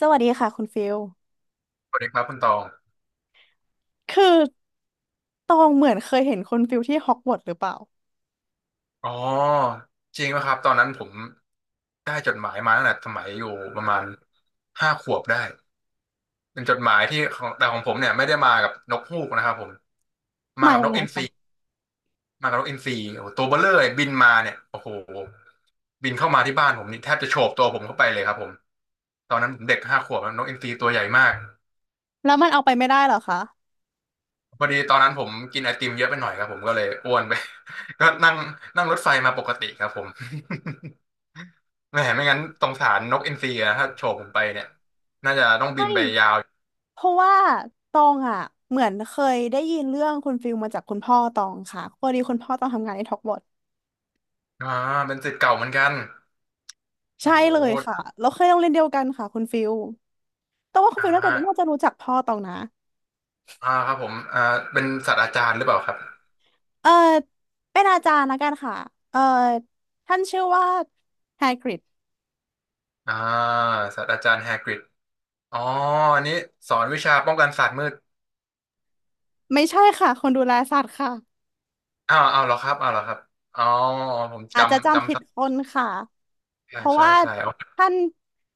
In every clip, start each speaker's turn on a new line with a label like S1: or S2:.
S1: สวัสดีค่ะคุณฟิล
S2: สวัสดีครับคุณตอง
S1: คือตองเหมือนเคยเห็นคุณฟิลที่ฮอกวอตส์หรือเปล่า
S2: อ๋อจริงไหมครับตอนนั้นผมได้จดหมายมาตั้งแต่สมัยอยู่ประมาณห้าขวบได้เป็นจดหมายที่ของแต่ของผมเนี่ยไม่ได้มากับนกฮูกนะครับผมมา
S1: มา
S2: กับ
S1: ยั
S2: น
S1: ง
S2: ก
S1: ไง
S2: อินทรี
S1: คะ
S2: มากับนกอินทรีโอ้โหตัวเบ้อเร่อเลยบินมาเนี่ยโอ้โหบินเข้ามาที่บ้านผมนี่แทบจะโฉบตัวผมเข้าไปเลยครับผมตอนนั้นผมเด็กห้าขวบนะนกอินทรีตัวใหญ่มาก
S1: แล้วมันเอาไปไม่ได้เหรอคะ
S2: พอดีตอนนั้นผมกินไอติมเยอะไปหน่อยครับผมก็เลยอ้วนไป ก็นั่งนั่งรถไฟมาปกติครับผม แหมไม่งั้นสงสารนกอินทรีอะถ้าโฉบผมไปเนี่ยน่าจะต้องบิ
S1: ใช่
S2: นไปยาว
S1: เพราะว่าตองอ่ะเหมือนเคยได้ยินเรื่องคุณฟิลมาจากคุณพ่อตองค่ะพอดีคุณพ่อตองทำงานในฮอกวอตส์
S2: อ่าเป็นศิษย์เก่าเหมือนกันโอ้
S1: ใช่
S2: โห
S1: เลยค่ะแล้วเคยโรงเรียนเดียวกันค่ะคุณฟิลตองว่าคุณ
S2: อ่า
S1: ฟิลน่าจะรู้จักพ่อตองนะ
S2: ครับผมเป็นศาสตราจารย์หรือเปล่าครับ
S1: เออเป็นอาจารย์ละกันค่ะเออท่านชื่อว่าแฮกริด
S2: อ่าศาสตราจารย์แฮกริดอ๋ออันนี้สอนวิชาป้องกันศาสตร์มืด
S1: ไม่ใช่ค่ะ คนดูแลสัตว์ค่ะ
S2: อ้าวเอาวเหรอครับเอาวเหรอครับอ๋อผม
S1: อาจจะ
S2: จำ
S1: จำผิ
S2: จำ
S1: ด
S2: สับ
S1: คนค่ะ เพ
S2: ใช่
S1: ราะ
S2: ใช่
S1: ว่า
S2: ใช่อ๋อ
S1: ท่าน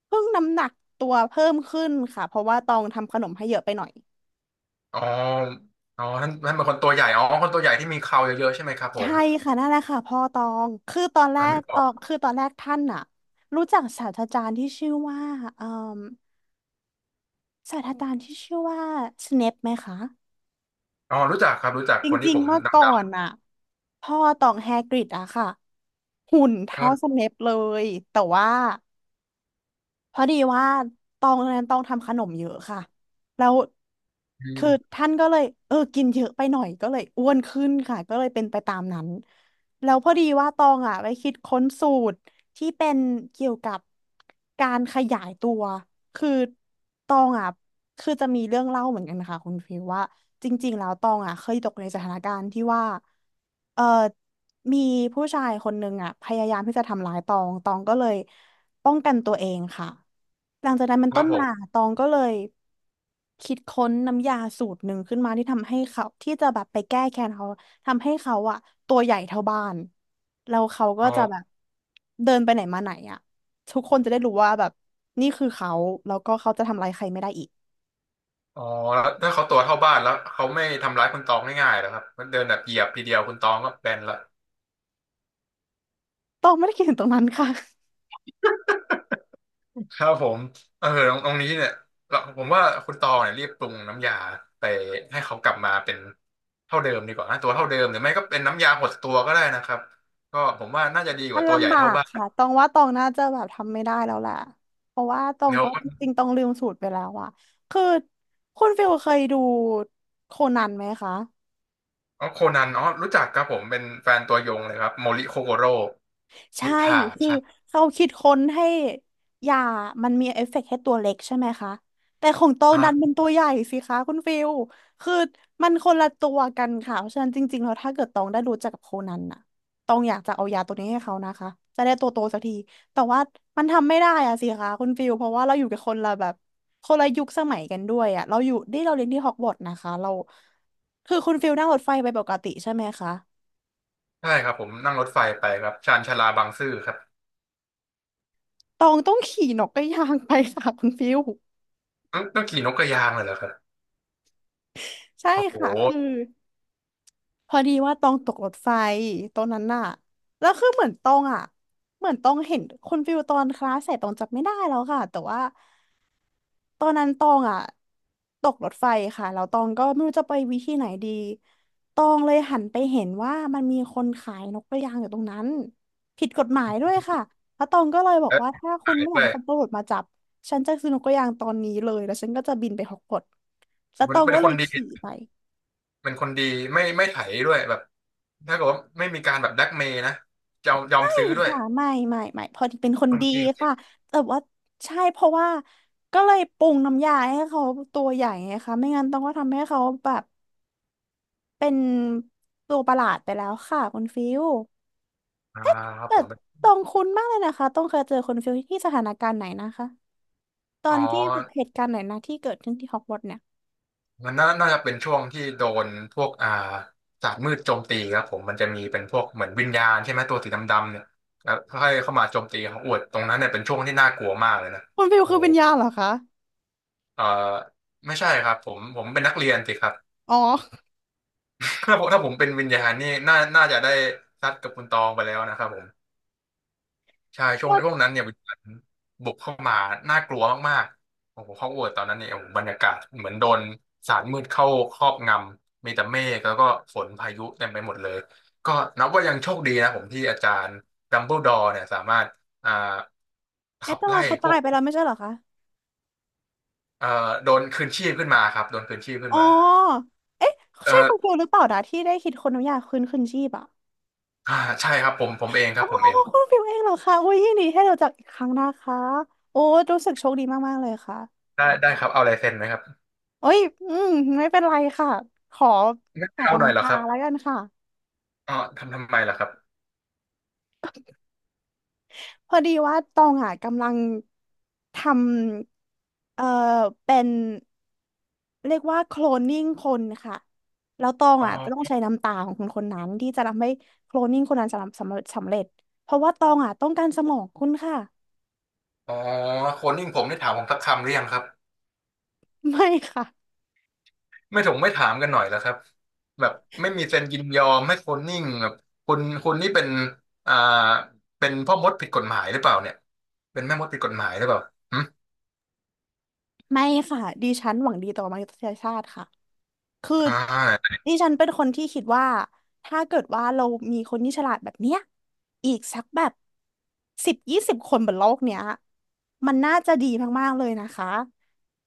S1: เพิ่งน้ำหนักตัวเพิ่มขึ้นค่ะเพราะว่าตองทำขนมให้เยอะไปหน่อย
S2: อ๋ออ๋อท่านเป็นคนตัวใหญ่อ๋อคนตัวใหญ่ที่มีเคราเยอะๆใช่ไหมครับผม
S1: ใช่ค่ะนั่นแหละค่ะพ่อตองคือตอนแร
S2: อัน
S1: ก
S2: นี้บ
S1: ต
S2: อ
S1: อ
S2: ก
S1: งคือตอนแรกท่านน่ะรู้จักศาสตราจารย์ที่ชื่อว่าเอ่อศาสตราจารย์ที่ชื่อว่าสเนปไหมคะ
S2: อ๋อรู้จักครับรู้จัก
S1: จ
S2: คนที่
S1: ริง
S2: ผม
S1: ๆเมื่อก่อ
S2: ดำ
S1: นน่ะพ่อตองแฮกริดอะค่ะหุ่น
S2: ๆค
S1: เท่า
S2: รับ
S1: สเนปเลยแต่ว่า พอดีว่าตองนั้นตองทำขนมเยอะค่ะแล้วคือ
S2: อืม
S1: ท่านก็เลยกินเยอะไปหน่อยก็เลยอ้วนขึ้นค่ะก็เลยเป็นไปตามนั้นแล้วพอดีว่าตองอ่ะไปคิดค้นสูตรที่เป็นเกี่ยวกับการขยายตัวคือตองอ่ะคือจะมีเรื่องเล่าเหมือนกันนะคะคุณฟิวว่าจริงๆแล้วตองอ่ะเคยตกในสถานการณ์ที่ว่าเออมีผู้ชายคนหนึ่งอ่ะพยายามที่จะทำร้ายตองตองก็เลย ป้องกันตัวเองค่ะหลังจากนั้นมัน
S2: ครั
S1: ต้
S2: บ
S1: น
S2: ผ
S1: มา
S2: ม
S1: ตองก็เลยคิดค้นน้ำยาสูตรหนึ่งขึ้นมาที่ทำให้เขาที่จะแบบไปแก้แค้นเขาทำให้เขาอะตัวใหญ่เท่าบ้านแล้วเขาก็
S2: อ๋อ
S1: จะแบบเดินไปไหนมาไหนอะทุกคนจะได้รู้ว่าแบบนี่คือเขาแล้วก็เขาจะทำอะไรใครไม่ได้อีก
S2: อ๋อแล้วถ้าเขาตัวเท่าบ้านแล้วเขาไม่ทำร้ายคุณตองง่ายๆหรอครับมันเดินแบบเหยียบทีเดียวคุณตองก็แบนละ
S1: ตองไม่ได้คิดถึงตรงนั้นค่ะ
S2: ครับผมเออตรงนี้เนี่ยเราผมว่าคุณตองเนี่ยรีบปรุงน้ำยาไปให้เขากลับมาเป็นเท่าเดิมดีกว่านะตัวเท่าเดิมหรือไม่ก็เป็นน้ำยาหดตัวก็ได้นะครับก็ผมว่าน่าจะดีก
S1: มัน
S2: ว่าตัวใหญ่
S1: ลำบา
S2: เท่า
S1: ก
S2: บ้าน
S1: ค่ะตองว่าตองน่าจะแบบทำไม่ได้แล้วแหละ เพราะว่าตอง
S2: เดี๋ยว
S1: ก็จริงๆตองลืมสูตรไปแล้วอะคือคุณฟิลเคยดูโคนันไหมคะ
S2: อ๋อโคนันอ๋อรู้จักครับผมเป็นแฟนตัวยงเลยครับโมริโคโกโร่
S1: ใช่
S2: นิทา
S1: คือ
S2: ใช่
S1: เขาคิดค้นให้ยามันมีเอฟเฟกต์ให้ตัวเล็กใช่ไหมคะแต่ของตองดันเป็
S2: อ่า
S1: นตัวใหญ่สิคะคุณฟิลคือมันคนละตัวกันค่ะเพราะฉะนั้นจริงๆแล้วถ้าเกิดตองได้รู้จักกับโคนันน่ะตองอยากจะเอายาตัวนี้ให้เขานะคะจะได้ตัวโตสักทีแต่ว่ามันทำไม่ได้อะสิคะคุณฟิลเพราะว่าเราอยู่กับคนละแบบคนละยุคสมัยกันด้วยอะเราอยู่ที่เราเรียนที่ฮอกวอตส์นะคะเราคือคุณฟิลนั่งรถไฟไปปกติใช่ไหมคะ
S2: ใช่ครับผมนั่งรถไฟไปครับชานชาลาบางซื่อครับ
S1: ตองต้องขี่นกกระยางไปค่ะคุณฟิล
S2: ต้องขี่นกกระยางเลยเหรอครับ
S1: ใช่
S2: โอ้โห
S1: ค่ะคือพอดีว่าตองตกรถไฟตรงนั้นน่ะแล้วคือเหมือนตองอ่ะเหมือนตองเห็นคุณฟิวตอนคลาสเสร็จตองจำไม่ได้แล้วค่ะแต่ว่าตอนนั้นตองอ่ะตกรถไฟค่ะแล้วตองก็ไม่รู้จะไปวิธีไหนดีตองเลยหันไปเห็นว่ามันมีคนขายนกกระยางอยู่ตรงนั้นผิดกฎหมายด้วยค่ะแล้วตองก็เลยบอก
S2: แล้ว
S1: ว่าถ้าคุณ
S2: ถ่าย
S1: ไม่อยา
S2: ด้
S1: ก
S2: วย
S1: ให้ตำรวจมาจับฉันจะซื้อนกกระยางตอนนี้เลยแล้วฉันก็จะบินไปฮอกวอตส์แล้ว
S2: มั
S1: ต
S2: น
S1: อง
S2: เป็น
S1: ก็
S2: ค
S1: เล
S2: น
S1: ย
S2: ดี
S1: ขี่ไป
S2: เป็นคนดีไม่ไม่ไถด้วยแบบถ้าเกิดว่าไม่มีการแบบแบล็กเมย์นะจะยอม
S1: ไม่
S2: ซื้อด้วย
S1: ค่ะไม่ไม่ไม่พอดีเป็นค
S2: ค
S1: น
S2: น
S1: ดี
S2: เก่ง
S1: ค่ะแต่ว่าใช่เพราะว่าก็เลยปรุงน้ำยาให้เขาตัวใหญ่ไงคะไม่งั้นต้องก็ทำให้เขาแบบเป็นตัวประหลาดไปแล้วค่ะคุณฟิว
S2: ๆครับ
S1: แต่
S2: ผมเป็น
S1: ตองคุ้นมากเลยนะคะต้องเคยเจอคุณฟิวที่สถานการณ์ไหนนะคะตอ
S2: อ๋อ
S1: นที่แบบเหตุการณ์ไหนนะที่เกิดขึ้นที่ฮอกวอตส์เนี่ย
S2: มันน่าจะเป็นช่วงที่โดนพวกศาสตร์มืดโจมตีครับผมมันจะมีเป็นพวกเหมือนวิญญาณใช่ไหมตัวสีดำๆเนี่ยแล้วค่อยเข้ามาโจมตีเขาอวดตรงนั้นเนี่ยเป็นช่วงที่น่ากลัวมากเลยนะ
S1: คุณฟิว
S2: โอ้
S1: คือ
S2: โห
S1: วิญญาณเหรอคะ
S2: เอ่อไม่ใช่ครับผมผมเป็นนักเรียนสิครับ
S1: อ๋อ
S2: ถ้าผมเป็นวิญญาณนี่น่าจะได้ซัดกับคุณตองไปแล้วนะครับผมใช่ช่วง
S1: ก็
S2: ช่วงนั้นเนี่ยวิญญาณบุกเข้ามาน่ากลัวมากๆโอ้โหฮอกวอตส์ตอนนั้นเนี่ยโอ้โหบรรยากาศเหมือนโดนสารมืดเข้าครอบงำมีแต่เมฆแล้วก็ฝนพายุเต็มไปหมดเลยก็นับว่ายังโชคดีนะผมที่อาจารย์ดัมเบิลดอร์เนี่ยสามารถอ่า
S1: เอ
S2: ขั
S1: ต
S2: บ
S1: ตลา
S2: ไล่
S1: เขา
S2: พ
S1: ตา
S2: ว
S1: ย
S2: ก
S1: ไปแล้วไม่ใช่เหรอคะ
S2: โดนคืนชีพขึ้นมาครับโดนคืนชีพขึ้น
S1: อ๋
S2: มา
S1: อเอ๊ะใช่คุณ
S2: เออ
S1: ฟิวหรือเปล่านะที่ได้คิดคนน้ำยาคืนชีพอะ
S2: อ่าใช่ครับผมผมเองครั
S1: โอ้
S2: บผมเอง
S1: คุณฟิวเองเหรอคะอุ้ยยินดีให้เราจากอีกครั้งนะคะโอ้รู้สึกโชคดีมากๆเลยค่ะ
S2: ได้ได้ครับเอาลายเซ็นไหมครับ
S1: โอ้ยอืมไม่เป็นไรค่ะขอ
S2: ไม่
S1: ขอไป
S2: เอาหน่อยเหร
S1: น้ำ
S2: อ
S1: ตา
S2: ครับ
S1: แล้วกันค่ะ
S2: อ๋อทำไมล่ะครับ
S1: พอดีว่าตองอ่ะกำลังทำเป็นเรียกว่าโคลนนิ่งคนค่ะแล้วตอง
S2: อ๋
S1: อ่ะจะต้อง
S2: อ
S1: ใช้น้ำตาของคนคนนั้นที่จะทำให้โคลนนิ่งคนนั้นสำเร็จเพราะว่าตองอ่ะต้องการสมองคุณค่ะ
S2: อ๋อคนยิ่งผมได้ถามผมสักคำหรือยังครับ
S1: ไม่ค่ะ
S2: ไม่ถามกันหน่อยแล้วครับ แบบไม่มีเซ็นยินยอมให้คนนิ่งแบบคุณนี่เป็นอ่าเป็นพ่อมดผิดกฎหมายหรือเปล่าเนี่ยเป็นแม่มดผิดกฎหมายหรือเปล่าหึ
S1: ไม่ค่ะดิฉันหวังดีต่อมนุษยชาติค่ะ คือ
S2: อ่า
S1: ดิฉันเป็นคนที่คิดว่าถ้าเกิดว่าเรามีคนที่ฉลาดแบบเนี้ยอีกสักแบบสิบยี่สิบคนบนโลกเนี้ยมันน่าจะดีมากๆเลยนะคะ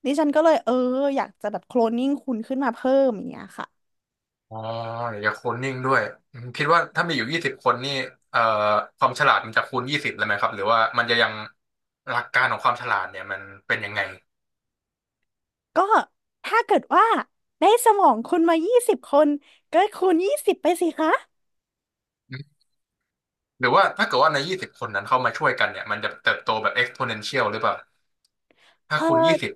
S1: ดิฉันก็เลยอยากจะแบบโคลนนิ่งคุณขึ้นมาเพิ่มอย่างเงี้ยค่ะ
S2: อ๋อเดี๋ยวจะคนนิ่งด้วยอืมคิดว่าถ้ามีอยู่ยี่สิบคนนี่เอ่อความฉลาดมันจะคูณยี่สิบเลยไหมครับหรือว่ามันจะยังหลักการของความฉลาดเนี่ยมันเป็นยังไง
S1: ก็ถ้าเกิดว่าได้สมองคุณมายี่สิบคนก็คูณยี่สิบไปสิคะ
S2: หรือว่าถ้าเกิดว่าในยี่สิบคนนั้นเข้ามาช่วยกันเนี่ยมันจะเติบโตแบบ exponential หรือเปล่าถ้า
S1: เอ
S2: คูณยี่
S1: อ
S2: สิบ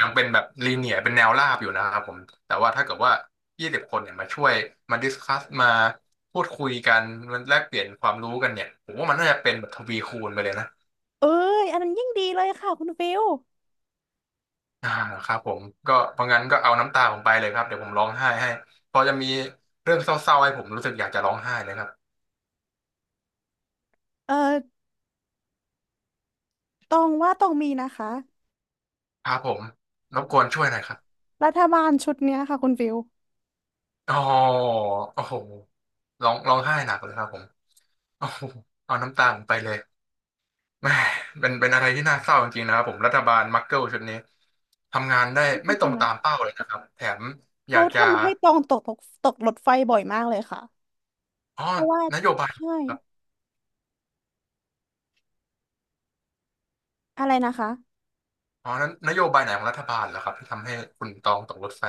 S2: ยังเป็นแบบ linear เป็นแนวราบอยู่นะครับผมแต่ว่าถ้าเกิดว่ายี่สิบคนเนี่ยมาช่วยมาดิสคัสมาพูดคุยกันมันแลกเปลี่ยนความรู้กันเนี่ยผมว่ามันน่าจะเป็นแบบทวีคูณไปเลยนะ
S1: เอ้ยอันนั้นยิ่งดีเลยค่ะคุณฟิล
S2: อ่าครับผมก็เพราะงั้นก็เอาน้ำตาผมไปเลยครับเดี๋ยวผมร้องไห้ให้พอจะมีเรื่องเศร้าๆให้ผมรู้สึกอยากจะร้องไห้เลยครับ
S1: เออตองว่าตองมีนะคะ
S2: ครับผมรบกวนช่วยหน่อยครับ
S1: รัฐบาลชุดเนี้ยค่ะคุณฟิล
S2: อ๋อโอ้โหร้องไห้หนักเลยครับผม โอ้โหเอาน้ำตาผมไปเลยแหม่เป็นอะไรที่น่าเศร้าจริงๆนะครับผมรัฐบาลมักเกิลชุดนี้ทำงานได้ไม่
S1: ใช่
S2: ตร
S1: ค่ะ
S2: งตามเป้าเลยนะครับแถมอยา
S1: เขา
S2: กจะ
S1: ทำให้ตองตกรถไฟบ่อยมากเลยค่ะ
S2: อ๋อ
S1: เพราะว่า
S2: นโยบาย
S1: ใช่
S2: ครับ
S1: อะไรนะคะ
S2: อ๋อนนโยบายไหนของรัฐบาลเหรอครับที่ทำให้คุณตองตกรถไฟ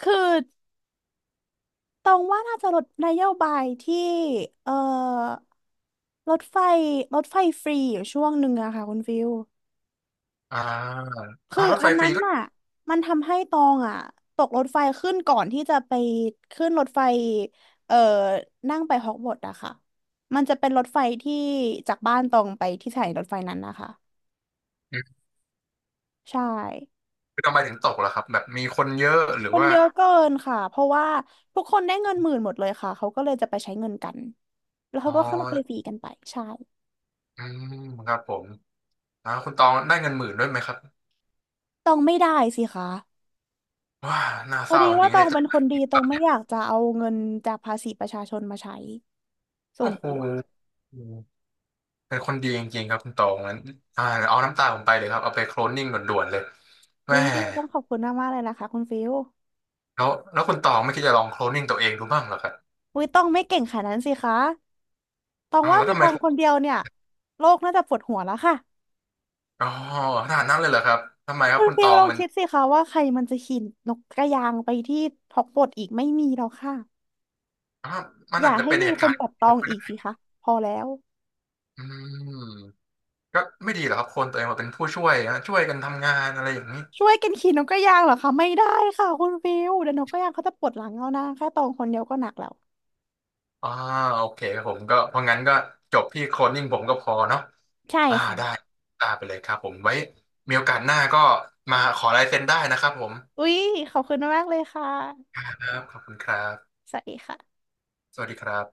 S1: คือตองว่าน่าจะลดนโยบายที่เอ่อรถไฟรถไฟฟรีอยู่ช่วงหนึ่งอะค่ะคุณฟิว
S2: อ่า
S1: คื
S2: อ่า
S1: อ
S2: รถไฟ
S1: อัน
S2: ฟรี
S1: นั้น
S2: ก็
S1: น่ะมันทำให้ตองอะตกรถไฟขึ้นก่อนที่จะไปขึ้นรถไฟเอ่อนั่งไปฮอกวอตส์อะค่ะมันจะเป็นรถไฟที่จากบ้านตองไปที่สถานีรถไฟนั้นนะคะ
S2: อืม
S1: ใช่
S2: คือทำไมถึงตกล่ะครับแบบมีคนเยอะหรื
S1: ค
S2: อ
S1: น
S2: ว่า
S1: เยอะเกินค่ะเพราะว่าทุกคนได้เงินหมื่นหมดเลยค่ะเขาก็เลยจะไปใช้เงินกันแล้ว
S2: อ๋
S1: เขา
S2: อ
S1: ก็ขึ้นรไปฟรีกันไปใช่
S2: อืมครับผมคุณตองได้เงินหมื่นด้วยไหมครับ
S1: ตองไม่ได้สิคะ
S2: ว้าน่า
S1: พอ
S2: เศร้า
S1: ดี
S2: จ
S1: ว่า
S2: ริง
S1: ต
S2: ๆ
S1: อ
S2: เนี่
S1: ง
S2: ยจะ
S1: เป็นคนดี
S2: ปิด
S1: ตอ
S2: ปา
S1: ง
S2: ก
S1: ไม่
S2: เนี่ย
S1: อยากจะเอาเงินจากภาษีประชาชนมาใช้ส่
S2: โอ้
S1: วน
S2: โห
S1: ตัว
S2: เป็นคนดีจริงๆครับคุณตองนั้นอ่าเอาน้ำตาผมไปเลยครับเอาไปโคลนนิ่งด่วนๆเลย
S1: อุ้
S2: แม่
S1: ยต้องขอบคุณมากๆเลยนะคะคุณฟิล
S2: แล้วคุณตองไม่คิดจะลองโคลนนิ่งตัวเองดูบ้างเหรอครับ
S1: อุ้ยตองไม่เก่งขนาดนั้นสิคะตอง
S2: อ้าว
S1: ว่า
S2: แล้ว
S1: มี
S2: ทำ
S1: ต
S2: ไม
S1: องคนเดียวเนี่ยโลกน่าจะปวดหัวแล้วค่ะ
S2: อ๋อขนาดนั้นเลยเหรอครับทำไมครั
S1: คุ
S2: บ
S1: ณ
S2: คุณต
S1: ฟิว
S2: อ
S1: ล
S2: ง
S1: อง
S2: มัน
S1: คิดสิคะว่าใครมันจะขี่นกกระยางไปที่ฮอกวอตส์อีกไม่มีแล้วค่ะ
S2: อ้าวมัน
S1: อ
S2: อา
S1: ย่า
S2: จจะ
S1: ให้
S2: เป็น
S1: มี
S2: เหตุ
S1: ค
S2: กา
S1: น
S2: รณ์
S1: แบบตองอีกสิคะพอแล้ว
S2: อืมก็ไม่ดีเหรอกครับคนตัวเองมาเป็นผู้ช่วยนะช่วยกันทำงานอะไรอย่างนี้
S1: ช่วยกันขี่นกกระยางเหรอคะไม่ได้ค่ะคุณฟิวเดี๋ยวนกกระยางเขาจะปวดหลังเอานะแค่ตองคนเดียวก็หนักแล้ว
S2: อ่าโอเคครับผมก็เพราะงั้นก็จบที่โคลนนิ่งผมก็พอเนาะ
S1: ใช่ค่ะ
S2: ได้ได้ไปเลยครับผมไว้มีโอกาสหน้าก็มาขอลายเซ็นได้นะครับผม
S1: อุ๊ยขอบคุณมากเลยค่ะ
S2: ครับขอบคุณครับ
S1: สวัสดีค่ะ
S2: สวัสดีครับ